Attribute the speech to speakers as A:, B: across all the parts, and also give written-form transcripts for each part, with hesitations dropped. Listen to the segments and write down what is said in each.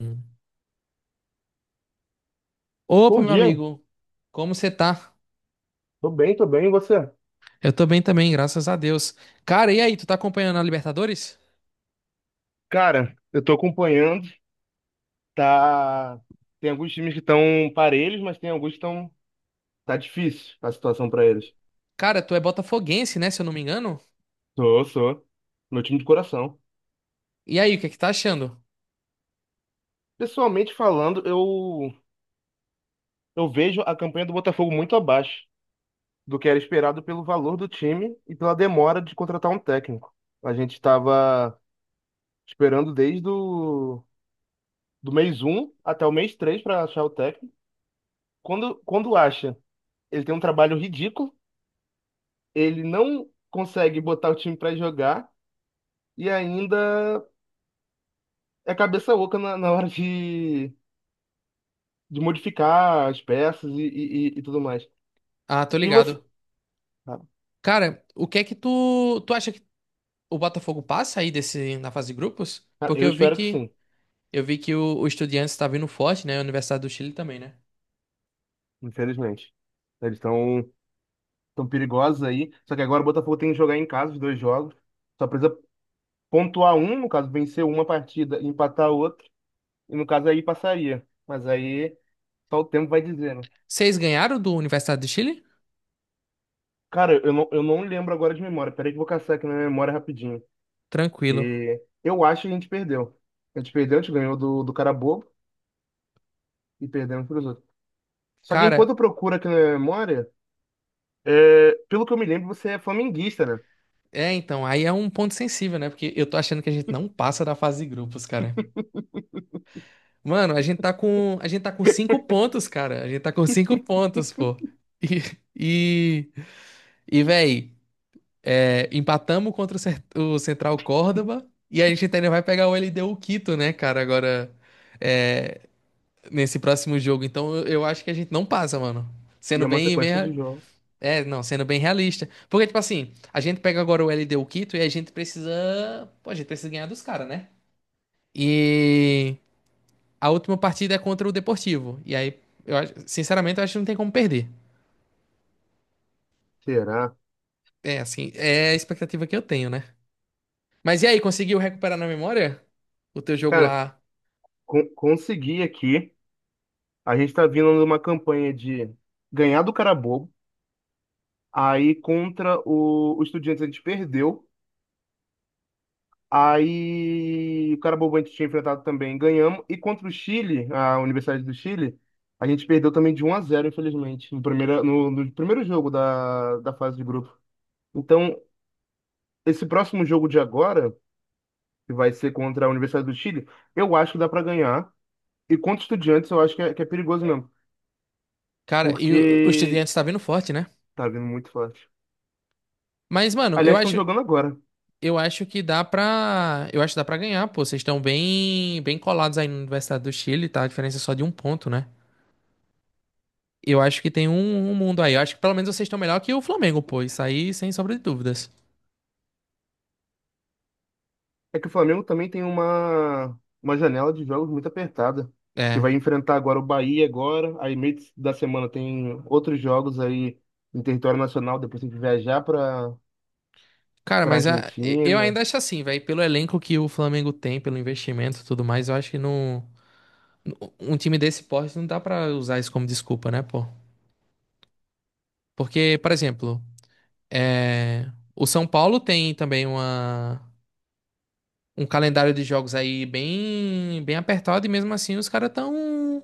A: Hum. Opa,
B: Bom
A: meu
B: dia.
A: amigo, como você tá?
B: Tô bem, tô bem, e você?
A: Eu tô bem também, graças a Deus. Cara, e aí, tu tá acompanhando a Libertadores?
B: Cara, eu tô acompanhando, tá... Tem alguns times que estão parelhos, mas tem alguns que estão... Tá difícil a situação pra eles.
A: Cara, tu é botafoguense, né, se eu não me engano?
B: Sou, sou. Meu time de coração.
A: E aí, o que é que tá achando?
B: Pessoalmente falando, eu vejo a campanha do Botafogo muito abaixo do que era esperado pelo valor do time e pela demora de contratar um técnico. A gente estava esperando do mês um até o mês 3 pra achar o técnico. Quando acha, ele tem um trabalho ridículo, ele não consegue botar o time para jogar e ainda é cabeça oca na hora de modificar as peças e tudo mais.
A: Ah, tô
B: E você?
A: ligado.
B: Cara,
A: Cara, o que é que tu acha que o Botafogo passa aí desse, na fase de grupos?
B: cara,
A: Porque
B: eu espero que sim,
A: eu vi que o Estudiantes tá vindo forte, né, a Universidade do Chile também, né?
B: infelizmente. Eles estão tão tão perigosos aí. Só que agora o Botafogo tem que jogar em casa os dois jogos. Só precisa pontuar um, no caso, vencer uma partida, e empatar outra. E no caso aí passaria. Mas aí só o tempo vai dizer, né?
A: Vocês ganharam do Universidade do Chile?
B: Cara, eu não lembro agora de memória. Peraí que eu vou caçar aqui na minha memória rapidinho.
A: Tranquilo.
B: E eu acho que a gente perdeu. A gente perdeu, a gente ganhou do cara bobo e perdemos pros outros. Só que enquanto
A: Cara,
B: eu procuro aqui na memória, é, pelo que eu me lembro, você é flamenguista, né?
A: é, então, aí é um ponto sensível, né? Porque eu tô achando que a gente não passa da fase de grupos, cara. Mano, a gente tá com cinco pontos, cara. A gente tá com cinco pontos, pô. E, e, véi, é, empatamos contra o Central Córdoba e a gente ainda vai pegar o LDU Quito, né, cara, agora é, nesse próximo jogo. Então eu acho que a gente não passa, mano.
B: E
A: Sendo
B: é uma
A: bem, bem,
B: sequência de
A: rea-
B: jogos.
A: é, não, Sendo bem realista. Porque, tipo assim, a gente pega agora o LDU Quito e a gente precisa, pô, a gente precisa ganhar dos caras, né? E A última partida é contra o Deportivo. E aí, sinceramente, eu acho que não tem como perder.
B: Será?
A: É, assim, é a expectativa que eu tenho, né? Mas e aí, conseguiu recuperar na memória o teu jogo
B: Cara,
A: lá?
B: consegui aqui. A gente tá vindo numa campanha de ganhar do cara bobo. Aí contra o Estudiantes a gente perdeu. Aí o Carabobo a gente tinha enfrentado também, ganhamos. E contra o Chile, a Universidade do Chile, a gente perdeu também de um a zero infelizmente, no primeiro jogo da fase de grupo. Então, esse próximo jogo de agora, que vai ser contra a Universidade do Chile, eu acho que dá para ganhar. E contra o Estudiantes, eu acho que é perigoso mesmo,
A: Cara, e o
B: porque
A: Estudiantes tá vindo forte, né?
B: tá vindo muito forte.
A: Mas, mano,
B: Aliás, estão jogando agora.
A: eu acho que dá pra. Eu acho que dá pra ganhar, pô. Vocês estão bem, bem colados aí na Universidade do Chile, tá? A diferença é só de um ponto, né? Eu acho que tem um mundo aí. Eu acho que pelo menos vocês estão melhor que o Flamengo, pô. Isso aí, sem sombra de dúvidas.
B: É que o Flamengo também tem uma janela de jogos muito apertada, que
A: É.
B: vai enfrentar agora o Bahia agora, aí meio da semana tem outros jogos aí em território nacional, depois tem que viajar
A: Cara,
B: para
A: mas a- eu
B: Argentina.
A: ainda acho assim, velho. Pelo elenco que o Flamengo tem, pelo investimento e tudo mais, eu acho que não. Um time desse porte não dá pra usar isso como desculpa, né, pô? Porque, por exemplo, é, o São Paulo tem também uma... um calendário de jogos aí bem, bem apertado e mesmo assim os caras tão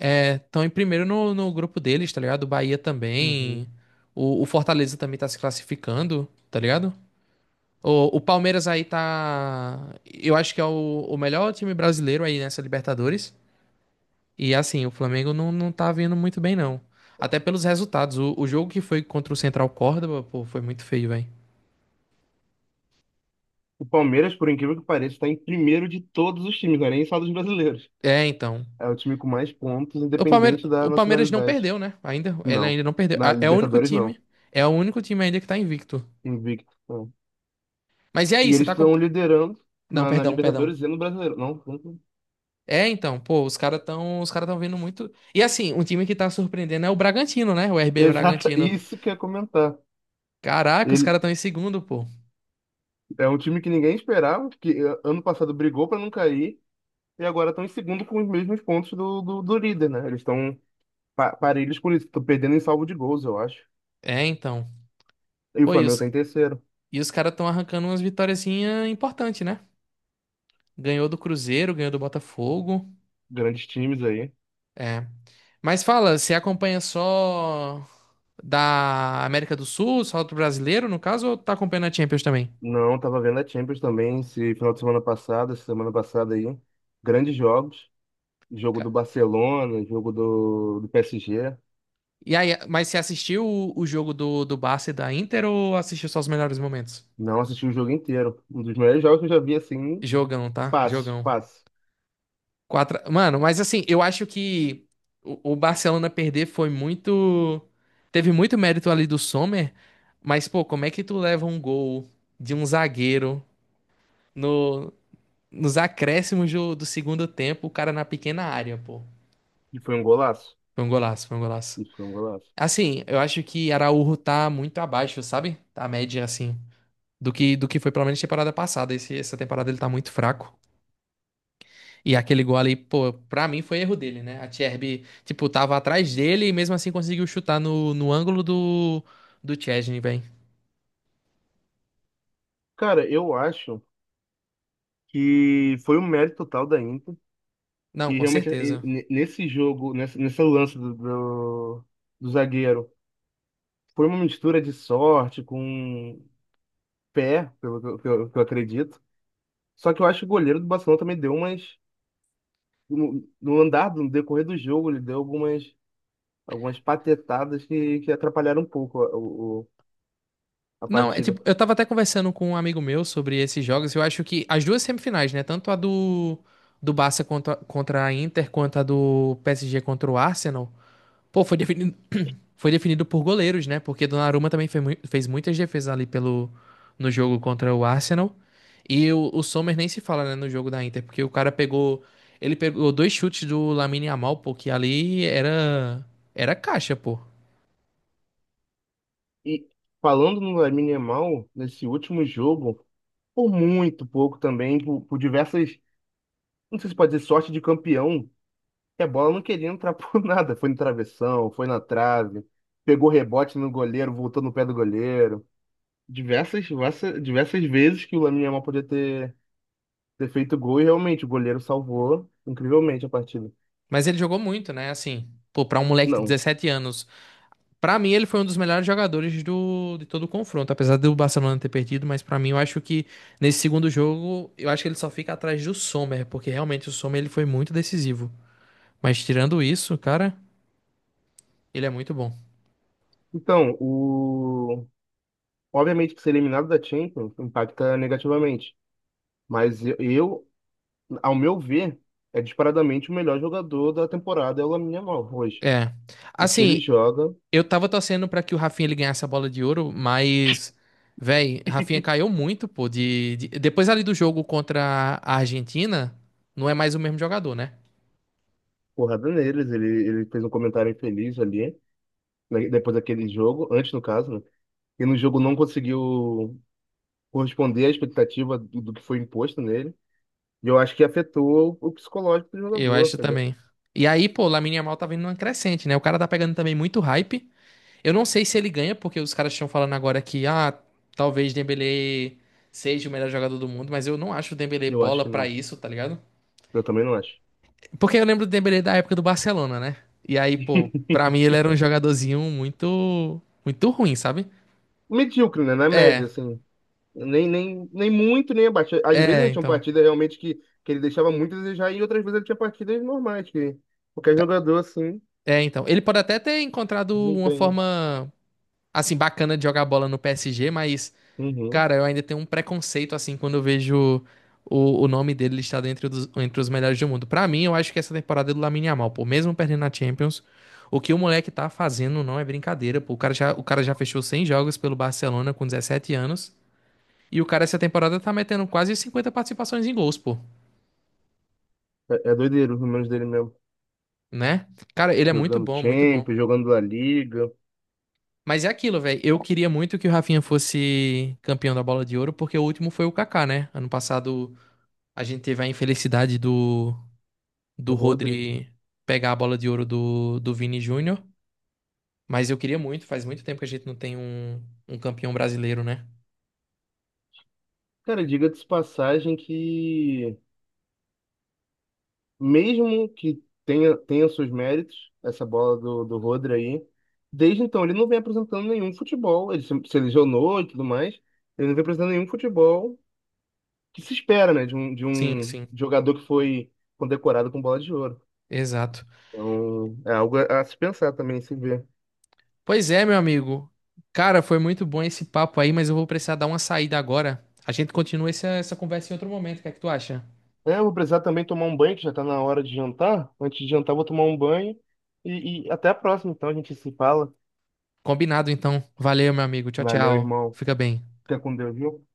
A: estão em primeiro no grupo deles, tá ligado? O Bahia também.
B: Uhum.
A: O Fortaleza também tá se classificando, tá ligado? O Palmeiras aí tá. Eu acho que é o melhor time brasileiro aí nessa Libertadores. E assim, o Flamengo não tá vindo muito bem, não. Até pelos resultados. O jogo que foi contra o Central Córdoba, pô, foi muito feio, velho.
B: O Palmeiras, por incrível que pareça, está em primeiro de todos os times, não é nem só dos brasileiros.
A: É, então.
B: É o time com mais pontos,
A: O Palmeiras,
B: independente da
A: o Palmeiras não
B: nacionalidade.
A: perdeu, né? Ainda, ele
B: Não,
A: ainda não perdeu.
B: na
A: É o único
B: Libertadores não,
A: time. É o único time ainda que tá invicto.
B: invicto. Não.
A: Mas e aí,
B: E
A: você
B: eles
A: tá com.
B: estão liderando
A: Não,
B: na
A: perdão, perdão.
B: Libertadores e no Brasileiro. Não, não.
A: É, então, pô, os cara tão vindo muito. E assim, um time que tá surpreendendo é o Bragantino, né? O RB
B: Exato,
A: Bragantino.
B: isso que eu ia comentar.
A: Caraca, os
B: Ele
A: caras estão em segundo, pô.
B: é um time que ninguém esperava, que ano passado brigou para não cair e agora estão em segundo com os mesmos pontos do líder, né? Eles estão pa parelhos por isso, estão perdendo em salvo de gols, eu acho.
A: É, então.
B: E o
A: Pô,
B: Flamengo tá em terceiro.
A: e os caras estão arrancando umas vitóriazinhas importantes, né? Ganhou do Cruzeiro, ganhou do Botafogo.
B: Grandes times aí.
A: É. Mas fala, você acompanha só da América do Sul, só do brasileiro, no caso, ou tá acompanhando a Champions também?
B: Não, tava vendo a Champions também esse final de semana passada, essa semana passada aí. Grandes jogos. Jogo do
A: Ca-
B: Barcelona, jogo do PSG.
A: E aí, mas você assistiu o jogo do Barça e da Inter ou assistiu só os melhores momentos?
B: Não assisti o jogo inteiro. Um dos melhores jogos que eu já vi assim,
A: Jogão, tá?
B: fácil,
A: Jogão.
B: fácil.
A: Quatro... Mano, mas assim, eu acho que o Barcelona perder foi muito. Teve muito mérito ali do Sommer, mas, pô, como é que tu leva um gol de um zagueiro no, nos acréscimos do segundo tempo, o cara na pequena área, pô?
B: E foi um golaço.
A: Foi um golaço, foi um golaço.
B: Isso foi um golaço.
A: Assim, eu acho que Araújo tá muito abaixo, sabe? Tá A média, assim, do que foi pelo menos temporada passada. Essa temporada ele tá muito fraco. E aquele gol ali, pô, pra mim foi erro dele, né? A Tcherby, tipo, tava atrás dele e mesmo assim conseguiu chutar no ângulo do Szczęsny, velho.
B: Cara, eu acho que foi um mérito total da Inter.
A: Não,
B: E
A: com
B: realmente,
A: certeza.
B: nesse jogo, nesse lance do zagueiro, foi uma mistura de sorte com pé, pelo que que eu acredito. Só que eu acho que o goleiro do Barcelona também deu umas. No andar, no decorrer do jogo, ele deu algumas patetadas que atrapalharam um pouco a
A: Não, é
B: partida.
A: tipo, eu tava até conversando com um amigo meu sobre esses jogos. Eu acho que as duas semifinais, né? Tanto do Barça contra a Inter, quanto a do PSG contra o Arsenal. Pô, foi definido por goleiros, né? Porque Donnarumma também fez muitas defesas ali no jogo contra o Arsenal. E o Sommer nem se fala, né, no jogo da Inter, porque o cara pegou. Ele pegou dois chutes do Lamine Yamal, pô, que ali era. Era caixa, pô.
B: E falando no Lamine Yamal, nesse último jogo, por muito pouco também, por diversas, não sei se pode dizer sorte de campeão, que a bola não queria entrar por nada. Foi no travessão, foi na trave, pegou rebote no goleiro, voltou no pé do goleiro. Diversas, diversas, diversas vezes que o Lamine Yamal ter feito gol e realmente o goleiro salvou incrivelmente a partida.
A: Mas ele jogou muito, né? Assim, pô, pra um moleque de
B: Não.
A: 17 anos. Pra mim, ele foi um dos melhores jogadores do, de todo o confronto, apesar do Barcelona ter perdido, mas pra mim, eu acho que nesse segundo jogo, eu acho que ele só fica atrás do Sommer, porque realmente o Sommer ele foi muito decisivo. Mas tirando isso, cara, ele é muito bom.
B: Então, o... Obviamente que ser eliminado da Champions impacta negativamente. Mas eu, Ao meu ver, é disparadamente o melhor jogador da temporada é o Lamine Yamal hoje.
A: É.
B: O que ele
A: Assim,
B: joga,
A: eu tava torcendo pra que o Rafinha ele ganhasse a bola de ouro, mas, véi, Rafinha caiu muito, pô, depois ali do jogo contra a Argentina, não é mais o mesmo jogador, né?
B: porrada neles. Ele fez um comentário infeliz ali, né, depois daquele jogo, antes no caso, né? E no jogo não conseguiu corresponder à expectativa do que foi imposto nele. E eu acho que afetou o psicológico do
A: Eu
B: jogador.
A: acho
B: Ele-
A: também. E aí, pô, o Lamine Yamal tá vindo numa crescente, né? O cara tá pegando também muito hype. Eu não sei se ele ganha, porque os caras estão falando agora que, ah, talvez Dembélé seja o melhor jogador do mundo, mas eu não acho o Dembélé
B: Eu acho
A: bola
B: que
A: pra
B: não.
A: isso, tá ligado?
B: Eu também não acho.
A: Porque eu lembro do Dembélé da época do Barcelona, né? E aí, pô, pra mim ele era um jogadorzinho muito, muito ruim, sabe?
B: Medíocre, né? Na
A: É,
B: média, assim. Nem muito, nem abaixo. Às vezes
A: é,
B: ele tinha
A: então.
B: partidas realmente que ele deixava muito a desejar, e outras vezes ele tinha partidas normais, que qualquer jogador assim,
A: Ele pode até ter encontrado uma
B: desempenho.
A: forma, assim, bacana de jogar bola no PSG, mas,
B: Uhum.
A: cara, eu ainda tenho um preconceito, assim, quando eu vejo o nome dele listado entre entre os melhores do mundo. Pra mim, eu acho que essa temporada é do Lamine Yamal, pô, mesmo perdendo na Champions, o que o moleque tá fazendo não é brincadeira, pô. O cara já fechou 100 jogos pelo Barcelona com 17 anos. E o cara, essa temporada, tá metendo quase 50 participações em gols, pô.
B: É, é doideiro os números dele mesmo.
A: Né? Cara, ele é muito
B: Jogando
A: bom, muito bom.
B: Champions, jogando La Liga,
A: Mas é aquilo, velho. Eu queria muito que o Rafinha fosse campeão da Bola de Ouro, porque o último foi o Kaká, né? Ano passado a gente teve a infelicidade do
B: o Rodri.
A: Rodri pegar a Bola de Ouro do Vini Júnior. Mas eu queria muito, faz muito tempo que a gente não tem um campeão brasileiro, né?
B: Cara, diga-se de passagem que, mesmo que tenha seus méritos, essa bola do Rodri aí, desde então ele não vem apresentando nenhum futebol. Ele se lesionou e tudo mais, ele não vem apresentando nenhum futebol que se espera, né, de
A: Sim,
B: um
A: sim.
B: jogador que foi condecorado com bola de ouro.
A: Exato.
B: Então, é algo a se pensar também, se ver.
A: Pois é, meu amigo. Cara, foi muito bom esse papo aí, mas eu vou precisar dar uma saída agora. A gente continua essa conversa em outro momento. O que é que tu acha?
B: É, eu vou precisar também tomar um banho, que já tá na hora de jantar. Antes de jantar, eu vou tomar um banho. E até a próxima, então, a gente se fala.
A: Combinado, então. Valeu, meu amigo. Tchau,
B: Valeu,
A: tchau.
B: irmão.
A: Fica bem.
B: Fica com Deus, viu?